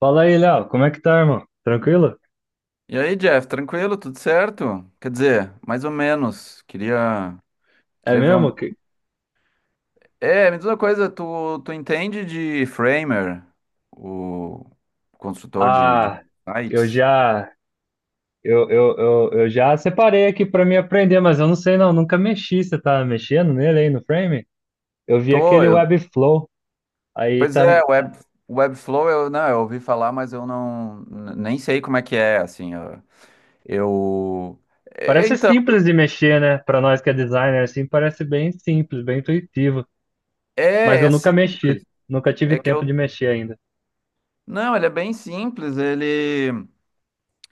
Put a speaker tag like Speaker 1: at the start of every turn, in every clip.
Speaker 1: Fala aí, Léo, como é que tá, irmão? Tranquilo?
Speaker 2: E aí, Jeff, tranquilo? Tudo certo? Quer dizer, mais ou menos. Queria,
Speaker 1: É
Speaker 2: queria ver
Speaker 1: mesmo
Speaker 2: um.
Speaker 1: que
Speaker 2: É, me diz uma coisa, tu entende de Framer, o construtor de
Speaker 1: ah, eu
Speaker 2: sites?
Speaker 1: já eu já separei aqui pra me aprender, mas eu não sei não, nunca mexi, você tá mexendo nele aí no frame? Eu vi
Speaker 2: Tô,
Speaker 1: aquele
Speaker 2: eu.
Speaker 1: Webflow, aí
Speaker 2: Pois
Speaker 1: tá
Speaker 2: é, web, Webflow, eu não, eu ouvi falar, mas eu não nem sei como é que é, assim. Eu- é,
Speaker 1: parece
Speaker 2: então,
Speaker 1: simples de mexer, né? Pra nós que é designer assim, parece bem simples, bem intuitivo, mas
Speaker 2: é,
Speaker 1: eu
Speaker 2: é
Speaker 1: nunca mexi,
Speaker 2: simples.
Speaker 1: nunca tive
Speaker 2: É que
Speaker 1: tempo de
Speaker 2: eu.
Speaker 1: mexer ainda.
Speaker 2: Não, ele é bem simples. Ele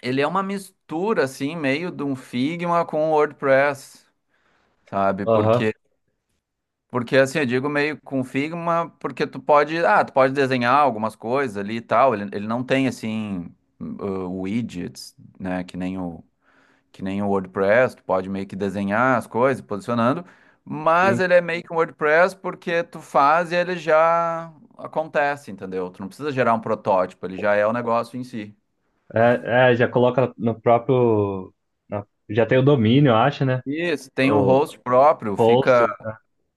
Speaker 2: Ele é uma mistura, assim, meio de um Figma com o WordPress, sabe?
Speaker 1: Aham,
Speaker 2: Porque assim, eu digo meio com Figma, porque tu pode, ah, tu pode desenhar algumas coisas ali e tal. Ele não tem, assim, widgets, né? Que nem o WordPress. Tu pode meio que desenhar as coisas, posicionando. Mas
Speaker 1: sim.
Speaker 2: ele é meio que um WordPress porque tu faz e ele já acontece, entendeu? Tu não precisa gerar um protótipo, ele já é o negócio em si.
Speaker 1: É, é, já coloca no próprio já tem o domínio, eu acho, né?
Speaker 2: Isso, tem um
Speaker 1: O
Speaker 2: host próprio,
Speaker 1: host,
Speaker 2: fica
Speaker 1: é.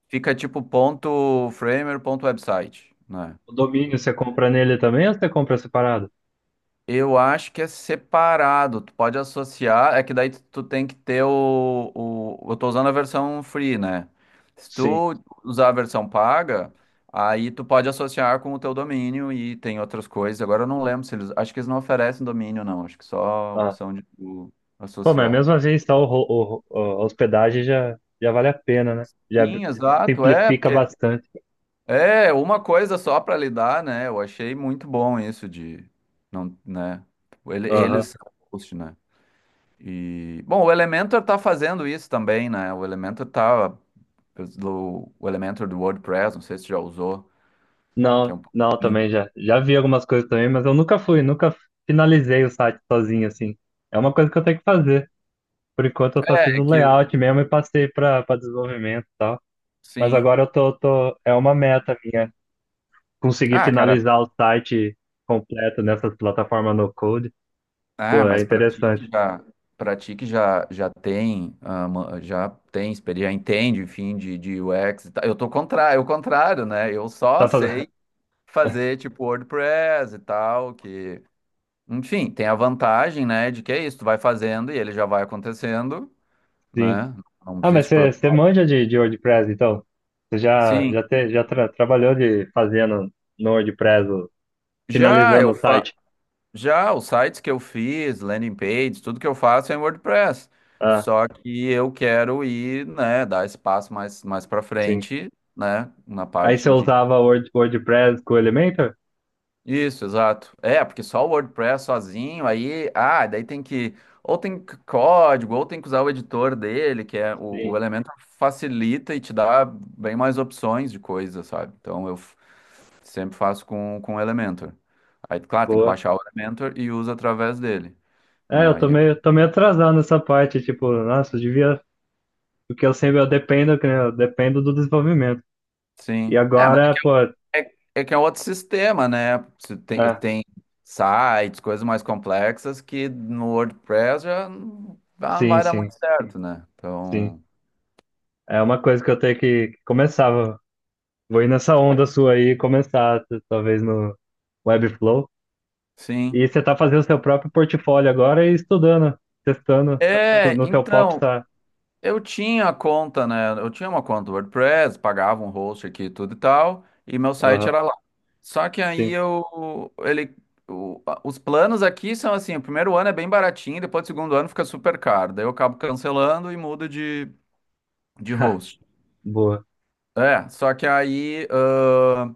Speaker 2: Fica tipo ponto framer, ponto website, né?
Speaker 1: O domínio você compra nele também ou você compra separado?
Speaker 2: Eu acho que é separado, tu pode associar, é que daí tu tem que ter o... Eu tô usando a versão free, né? Se
Speaker 1: Sim.
Speaker 2: tu usar a versão paga, aí tu pode associar com o teu domínio e tem outras coisas. Agora eu não lembro se eles... Acho que eles não oferecem domínio, não. Acho que só a
Speaker 1: Ah.
Speaker 2: opção de tu
Speaker 1: Pô, mas
Speaker 2: associar.
Speaker 1: mesmo assim, está o, ro- o- a hospedagem já, já vale a pena, né? Já
Speaker 2: Sim, exato, é,
Speaker 1: simplifica
Speaker 2: porque
Speaker 1: bastante.
Speaker 2: é, uma coisa só para lidar, né? Eu achei muito bom isso de não, né? Eles
Speaker 1: Aham.
Speaker 2: são host, né? E bom, o Elementor tá fazendo isso também, né? O Elementor do WordPress, não sei se já usou, que é
Speaker 1: Não,
Speaker 2: um
Speaker 1: não,
Speaker 2: pouquinho.
Speaker 1: também já. Já vi algumas coisas também, mas eu nunca fui, nunca finalizei o site sozinho, assim. É uma coisa que eu tenho que fazer. Por enquanto, eu só fiz
Speaker 2: É, é
Speaker 1: o
Speaker 2: que o-
Speaker 1: layout mesmo e passei para desenvolvimento e tal. Mas
Speaker 2: sim.
Speaker 1: agora eu tô, é uma meta minha, conseguir
Speaker 2: Ah, cara,
Speaker 1: finalizar o site completo nessas plataformas no code.
Speaker 2: ah,
Speaker 1: Pô, é
Speaker 2: mas para ti
Speaker 1: interessante.
Speaker 2: que já para ti que já já tem ah, já tem experiência, entende, enfim, de UX, e tal. Eu tô contra, é o contrário, né? Eu só
Speaker 1: Tá
Speaker 2: sei
Speaker 1: fazendo.
Speaker 2: fazer tipo WordPress e tal, que, enfim, tem a vantagem, né, de que é isso, tu vai fazendo e ele já vai acontecendo,
Speaker 1: Sim.
Speaker 2: né? Não
Speaker 1: Ah, mas
Speaker 2: existe
Speaker 1: você
Speaker 2: pro...
Speaker 1: você manja de WordPress, então? Você já,
Speaker 2: Sim.
Speaker 1: já, te, já tra- trabalhou de fazendo no WordPress,
Speaker 2: Já
Speaker 1: finalizando
Speaker 2: eu
Speaker 1: o
Speaker 2: fa...
Speaker 1: site?
Speaker 2: já os sites que eu fiz, landing pages, tudo que eu faço é em WordPress.
Speaker 1: Ah,
Speaker 2: Só que eu quero ir, né, dar espaço mais para
Speaker 1: sim.
Speaker 2: frente, né, na
Speaker 1: Aí você
Speaker 2: parte de
Speaker 1: usava Word, WordPress com o Elementor?
Speaker 2: isso, exato. É, porque só o WordPress sozinho, aí, ah, daí tem que, ou tem código, ou tem que usar o editor dele, que é o
Speaker 1: Sim.
Speaker 2: elemento facilita e te dá bem mais opções de coisa, sabe? Sempre faço com o Elementor. Aí, claro, tem que
Speaker 1: Boa.
Speaker 2: baixar o Elementor e usa através dele,
Speaker 1: É,
Speaker 2: né?
Speaker 1: eu
Speaker 2: Aí,
Speaker 1: tô
Speaker 2: ele-
Speaker 1: meio, tô meio atrasado nessa parte, tipo, nossa, eu devia. Porque eu sempre eu dependo, que nem eu dependo do desenvolvimento. E
Speaker 2: sim.
Speaker 1: agora, pô.
Speaker 2: É que é outro sistema, né? Você tem,
Speaker 1: Ah,
Speaker 2: tem sites, coisas mais complexas que no WordPress já não
Speaker 1: sim,
Speaker 2: vai dar
Speaker 1: sim,
Speaker 2: muito certo, né?
Speaker 1: sim.
Speaker 2: Então,
Speaker 1: É uma coisa que eu tenho que começar. Vou ir nessa onda sua aí e começar, talvez no Webflow. E
Speaker 2: sim.
Speaker 1: você tá fazendo seu próprio portfólio agora e estudando, testando
Speaker 2: É,
Speaker 1: no seu
Speaker 2: então,
Speaker 1: popstar.
Speaker 2: eu tinha conta, né? Eu tinha uma conta do WordPress, pagava um host aqui e tudo e tal, e meu site
Speaker 1: Aham,
Speaker 2: era lá. Só que aí
Speaker 1: sim.
Speaker 2: eu, ele, o- a- os planos aqui são assim, o primeiro ano é bem baratinho, depois o segundo ano fica super caro. Daí eu acabo cancelando e mudo de host.
Speaker 1: Boa.
Speaker 2: É, só que aí,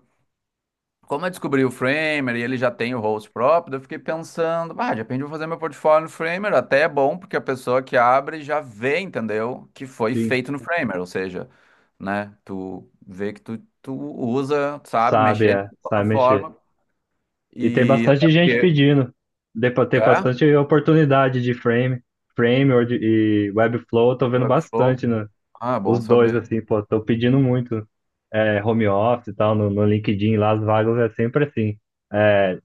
Speaker 2: como eu descobri o Framer e ele já tem o host próprio, daí eu fiquei pensando, ah, de repente eu vou fazer meu portfólio no Framer, até é bom, porque a pessoa que abre já vê, entendeu, que foi
Speaker 1: Sim.
Speaker 2: feito no Framer, ou seja, né, tu vê que tu, tu usa, sabe,
Speaker 1: Sabe,
Speaker 2: mexer
Speaker 1: é,
Speaker 2: na
Speaker 1: sabe mexer.
Speaker 2: plataforma,
Speaker 1: E tem
Speaker 2: e até
Speaker 1: bastante gente
Speaker 2: porque,
Speaker 1: pedindo. Dê pra ter
Speaker 2: é,
Speaker 1: bastante oportunidade de frame, e Webflow, eu tô vendo
Speaker 2: Webflow,
Speaker 1: bastante, né?
Speaker 2: ah, bom
Speaker 1: Os dois,
Speaker 2: saber,
Speaker 1: assim, pô, tô pedindo muito. É, home office e tal, no, no LinkedIn lá, as vagas é sempre assim. É,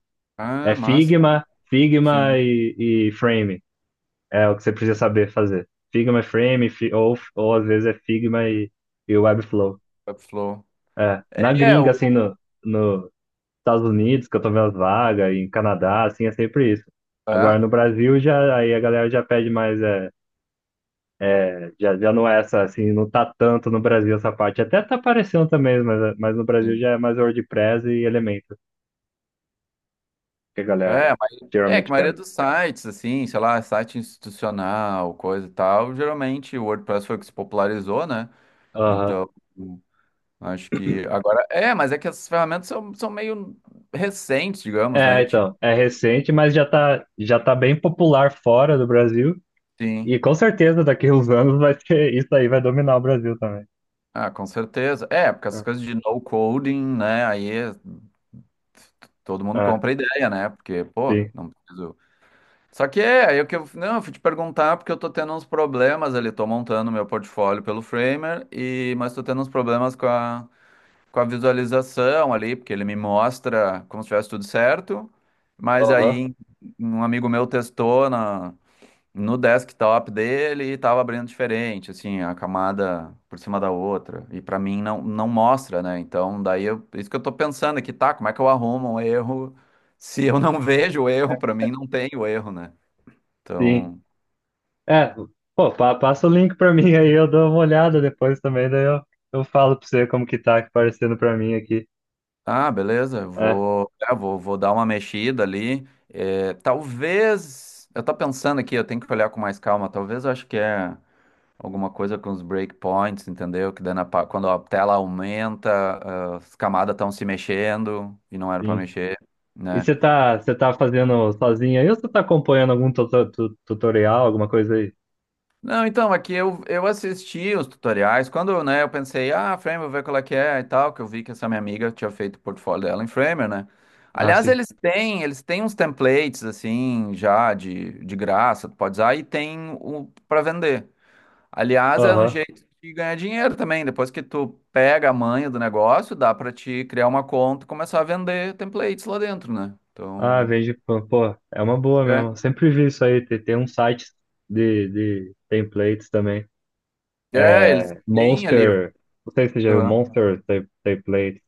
Speaker 1: é
Speaker 2: ah, massa,
Speaker 1: Figma, Figma
Speaker 2: sim,
Speaker 1: e Frame. É o que você precisa saber fazer. Figma, e Frame, ou às vezes é Figma e Webflow.
Speaker 2: Webflow,
Speaker 1: É. Na
Speaker 2: é,
Speaker 1: gringa,
Speaker 2: o,
Speaker 1: assim, no, no Estados Unidos, que eu tô vendo as vagas, e em Canadá, assim, é sempre isso. Agora
Speaker 2: é,
Speaker 1: no Brasil já aí a galera já pede mais, é, já, já não é essa, assim, não tá tanto no Brasil essa parte. Até tá aparecendo também, mas no Brasil
Speaker 2: sim.
Speaker 1: já é mais WordPress e Elementor que a galera
Speaker 2: É, é que a
Speaker 1: geralmente
Speaker 2: maioria
Speaker 1: pede.
Speaker 2: dos sites, assim, sei lá, site institucional, coisa e tal, geralmente o WordPress foi o que se popularizou, né?
Speaker 1: Aham.
Speaker 2: Então, acho que agora. É, mas é que essas ferramentas são, são meio recentes, digamos,
Speaker 1: É,
Speaker 2: né? Tipo,
Speaker 1: então, é recente, mas já tá bem popular fora do Brasil.
Speaker 2: sim.
Speaker 1: E com certeza daqui uns anos vai ser, isso aí vai dominar o Brasil também.
Speaker 2: Ah, com certeza. É, porque essas coisas de no coding, né? Todo mundo
Speaker 1: Ah,
Speaker 2: compra a ideia, né? Porque, pô,
Speaker 1: sim.
Speaker 2: não preciso. Só que é, aí o que eu, não, eu fui te perguntar porque eu tô tendo uns problemas ali, tô montando meu portfólio pelo Framer, e, mas tô tendo uns problemas com a visualização ali, porque ele me mostra como se tivesse tudo certo, mas
Speaker 1: Aham,
Speaker 2: aí um amigo meu testou na, no desktop dele e tava abrindo diferente, assim, a camada por cima da outra, e pra mim não, não mostra, né? Então daí eu, isso que eu tô pensando aqui, tá, como é que eu arrumo um erro se eu não vejo o erro, pra mim não tem o erro, né?
Speaker 1: sim.
Speaker 2: Então,
Speaker 1: É, pô, passa o link pra mim aí, eu dou uma olhada depois também, daí eu falo pra você como que tá aparecendo pra mim aqui.
Speaker 2: ah, beleza, eu
Speaker 1: É,
Speaker 2: vou, é, vou dar uma mexida ali. É, talvez, eu tô pensando aqui, eu tenho que olhar com mais calma. Talvez eu acho que é alguma coisa com os breakpoints, entendeu? Que daí na quando a tela aumenta, ah, as camadas estão se mexendo e não era pra
Speaker 1: sim.
Speaker 2: mexer,
Speaker 1: E
Speaker 2: né?
Speaker 1: você tá fazendo sozinho aí ou você tá acompanhando algum tutorial, alguma coisa aí?
Speaker 2: Não, então, aqui eu assisti os tutoriais, quando, né, eu pensei, ah, Framer, vou ver qual é que é e tal, que eu vi que essa minha amiga tinha feito o portfólio dela em Framer, né?
Speaker 1: Ah,
Speaker 2: Aliás,
Speaker 1: sim.
Speaker 2: eles têm uns templates, assim, já de graça, tu pode usar, e tem o para vender. Aliás, é um
Speaker 1: Aham.
Speaker 2: jeito de ganhar dinheiro também, depois que tu pega a manha do negócio, dá pra te criar uma conta e começar a vender templates lá dentro, né?
Speaker 1: Ah,
Speaker 2: Então,
Speaker 1: vejo, pô, pô, é uma boa
Speaker 2: é,
Speaker 1: mesmo. Eu sempre vi isso aí. Tem, tem um site de templates também.
Speaker 2: é, eles
Speaker 1: É
Speaker 2: têm ali...
Speaker 1: Monster. Não sei se você já viu
Speaker 2: aham,
Speaker 1: Monster Templates,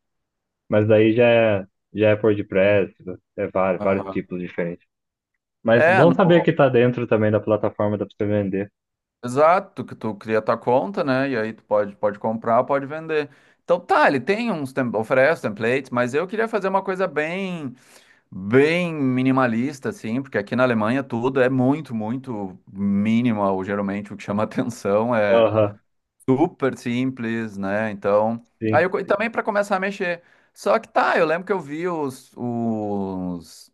Speaker 1: mas daí já é por WordPress, é vários, vários
Speaker 2: aham.
Speaker 1: tipos diferentes. Mas
Speaker 2: É,
Speaker 1: bom saber
Speaker 2: no,
Speaker 1: que tá dentro também da plataforma, dá pra você vender.
Speaker 2: exato, que tu cria tua conta, né? E aí tu pode, pode comprar, pode vender. Então tá, ele tem uns, oferece templates, mas eu queria fazer uma coisa bem, bem minimalista, assim, porque aqui na Alemanha tudo é muito, muito minimal, geralmente o que chama atenção é
Speaker 1: Aham,
Speaker 2: super simples, né? Então,
Speaker 1: sim.
Speaker 2: aí eu, e também para começar a mexer. Só que tá, eu lembro que eu vi os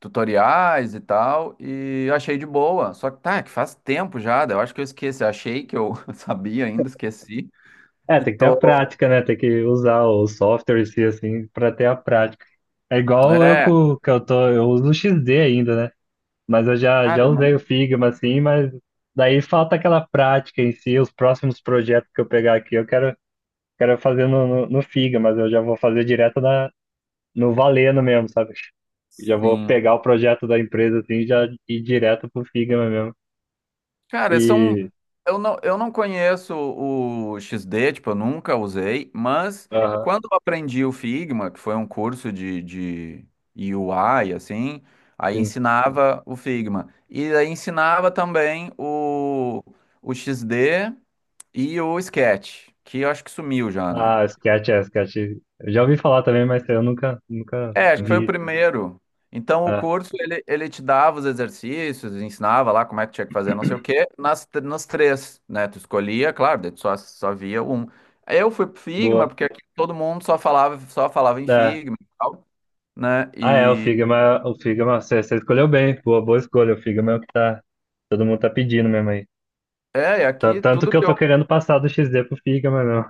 Speaker 2: tutoriais e tal, e eu achei de boa. Só que tá, é que faz tempo já, daí eu acho que eu esqueci. Eu achei que eu sabia ainda, esqueci.
Speaker 1: É,
Speaker 2: E
Speaker 1: tem que ter a
Speaker 2: tô.
Speaker 1: prática, né? Tem que usar o software em si, assim, pra ter a prática. É igual eu
Speaker 2: É,
Speaker 1: co- que eu tô, eu uso o XD ainda, né? Mas eu já,
Speaker 2: cara,
Speaker 1: já
Speaker 2: eu
Speaker 1: usei
Speaker 2: não.
Speaker 1: o Figma, assim, mas daí falta aquela prática em si. Os próximos projetos que eu pegar aqui, eu quero, quero fazer no, no, no Figma, mas eu já vou fazer direto na, no Valeno mesmo, sabe? Já vou
Speaker 2: Sim.
Speaker 1: pegar o projeto da empresa, assim, e já ir direto pro Figma mesmo.
Speaker 2: Cara, são.
Speaker 1: E,
Speaker 2: Eu não conheço o XD, tipo, eu nunca usei, mas
Speaker 1: aham,
Speaker 2: quando eu aprendi o Figma, que foi um curso de UI, assim, aí
Speaker 1: sim.
Speaker 2: ensinava o Figma. E aí ensinava também o XD e o Sketch, que eu acho que sumiu já, né?
Speaker 1: Ah, Sketch, é, Sketch. Eu já ouvi falar também, mas eu nunca, nunca
Speaker 2: É, acho que foi o
Speaker 1: vi.
Speaker 2: primeiro. Então, o
Speaker 1: Ah,
Speaker 2: curso, ele te dava os exercícios, ensinava lá como é que tinha que fazer, não sei o quê, nas, nas três, né? Tu escolhia, claro, daí tu só, só via um. Aí eu fui pro Figma,
Speaker 1: boa.
Speaker 2: porque aqui todo mundo só falava em
Speaker 1: É.
Speaker 2: Figma e tal, né?
Speaker 1: Ah, é,
Speaker 2: E,
Speaker 1: O Figma, você, você escolheu bem, boa, boa escolha, o Figma é o que tá, todo mundo tá pedindo mesmo aí.
Speaker 2: é, e aqui
Speaker 1: Tanto
Speaker 2: tudo
Speaker 1: que eu
Speaker 2: que
Speaker 1: tô
Speaker 2: eu...
Speaker 1: querendo passar do XD pro Figma, não.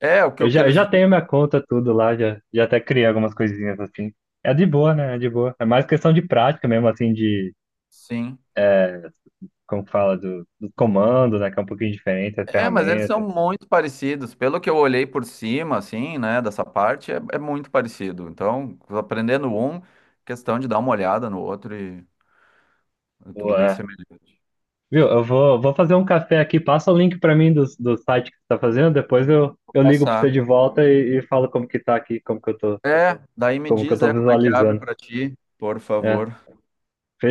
Speaker 2: É, o que,
Speaker 1: Eu
Speaker 2: o que
Speaker 1: já, eu
Speaker 2: eles
Speaker 1: já
Speaker 2: dizem,
Speaker 1: tenho minha conta, tudo lá, já, já até criei algumas coisinhas assim. É de boa, né, é de boa. É mais questão de prática mesmo, assim, de,
Speaker 2: sim.
Speaker 1: como fala, do, do comando, né, que é um pouquinho diferente, a
Speaker 2: É, mas eles são
Speaker 1: ferramenta.
Speaker 2: muito parecidos. Pelo que eu olhei por cima, assim, né, dessa parte, é, é muito parecido. Então, aprendendo um, questão de dar uma olhada no outro e é tudo
Speaker 1: Boa.
Speaker 2: bem
Speaker 1: É.
Speaker 2: semelhante.
Speaker 1: Viu, eu vou, vou fazer um café aqui, passa o link pra mim do, do site que você tá fazendo, depois
Speaker 2: Vou
Speaker 1: eu ligo pra você
Speaker 2: passar.
Speaker 1: de volta e falo como que tá aqui, como que eu tô,
Speaker 2: É, daí me
Speaker 1: como que eu
Speaker 2: diz,
Speaker 1: tô
Speaker 2: é, como é que abre
Speaker 1: visualizando.
Speaker 2: pra ti, por
Speaker 1: É,
Speaker 2: favor.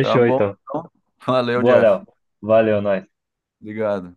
Speaker 2: Tá bom,
Speaker 1: então.
Speaker 2: então. Valeu,
Speaker 1: Boa,
Speaker 2: Jeff.
Speaker 1: Léo. Valeu, nós.
Speaker 2: Obrigado.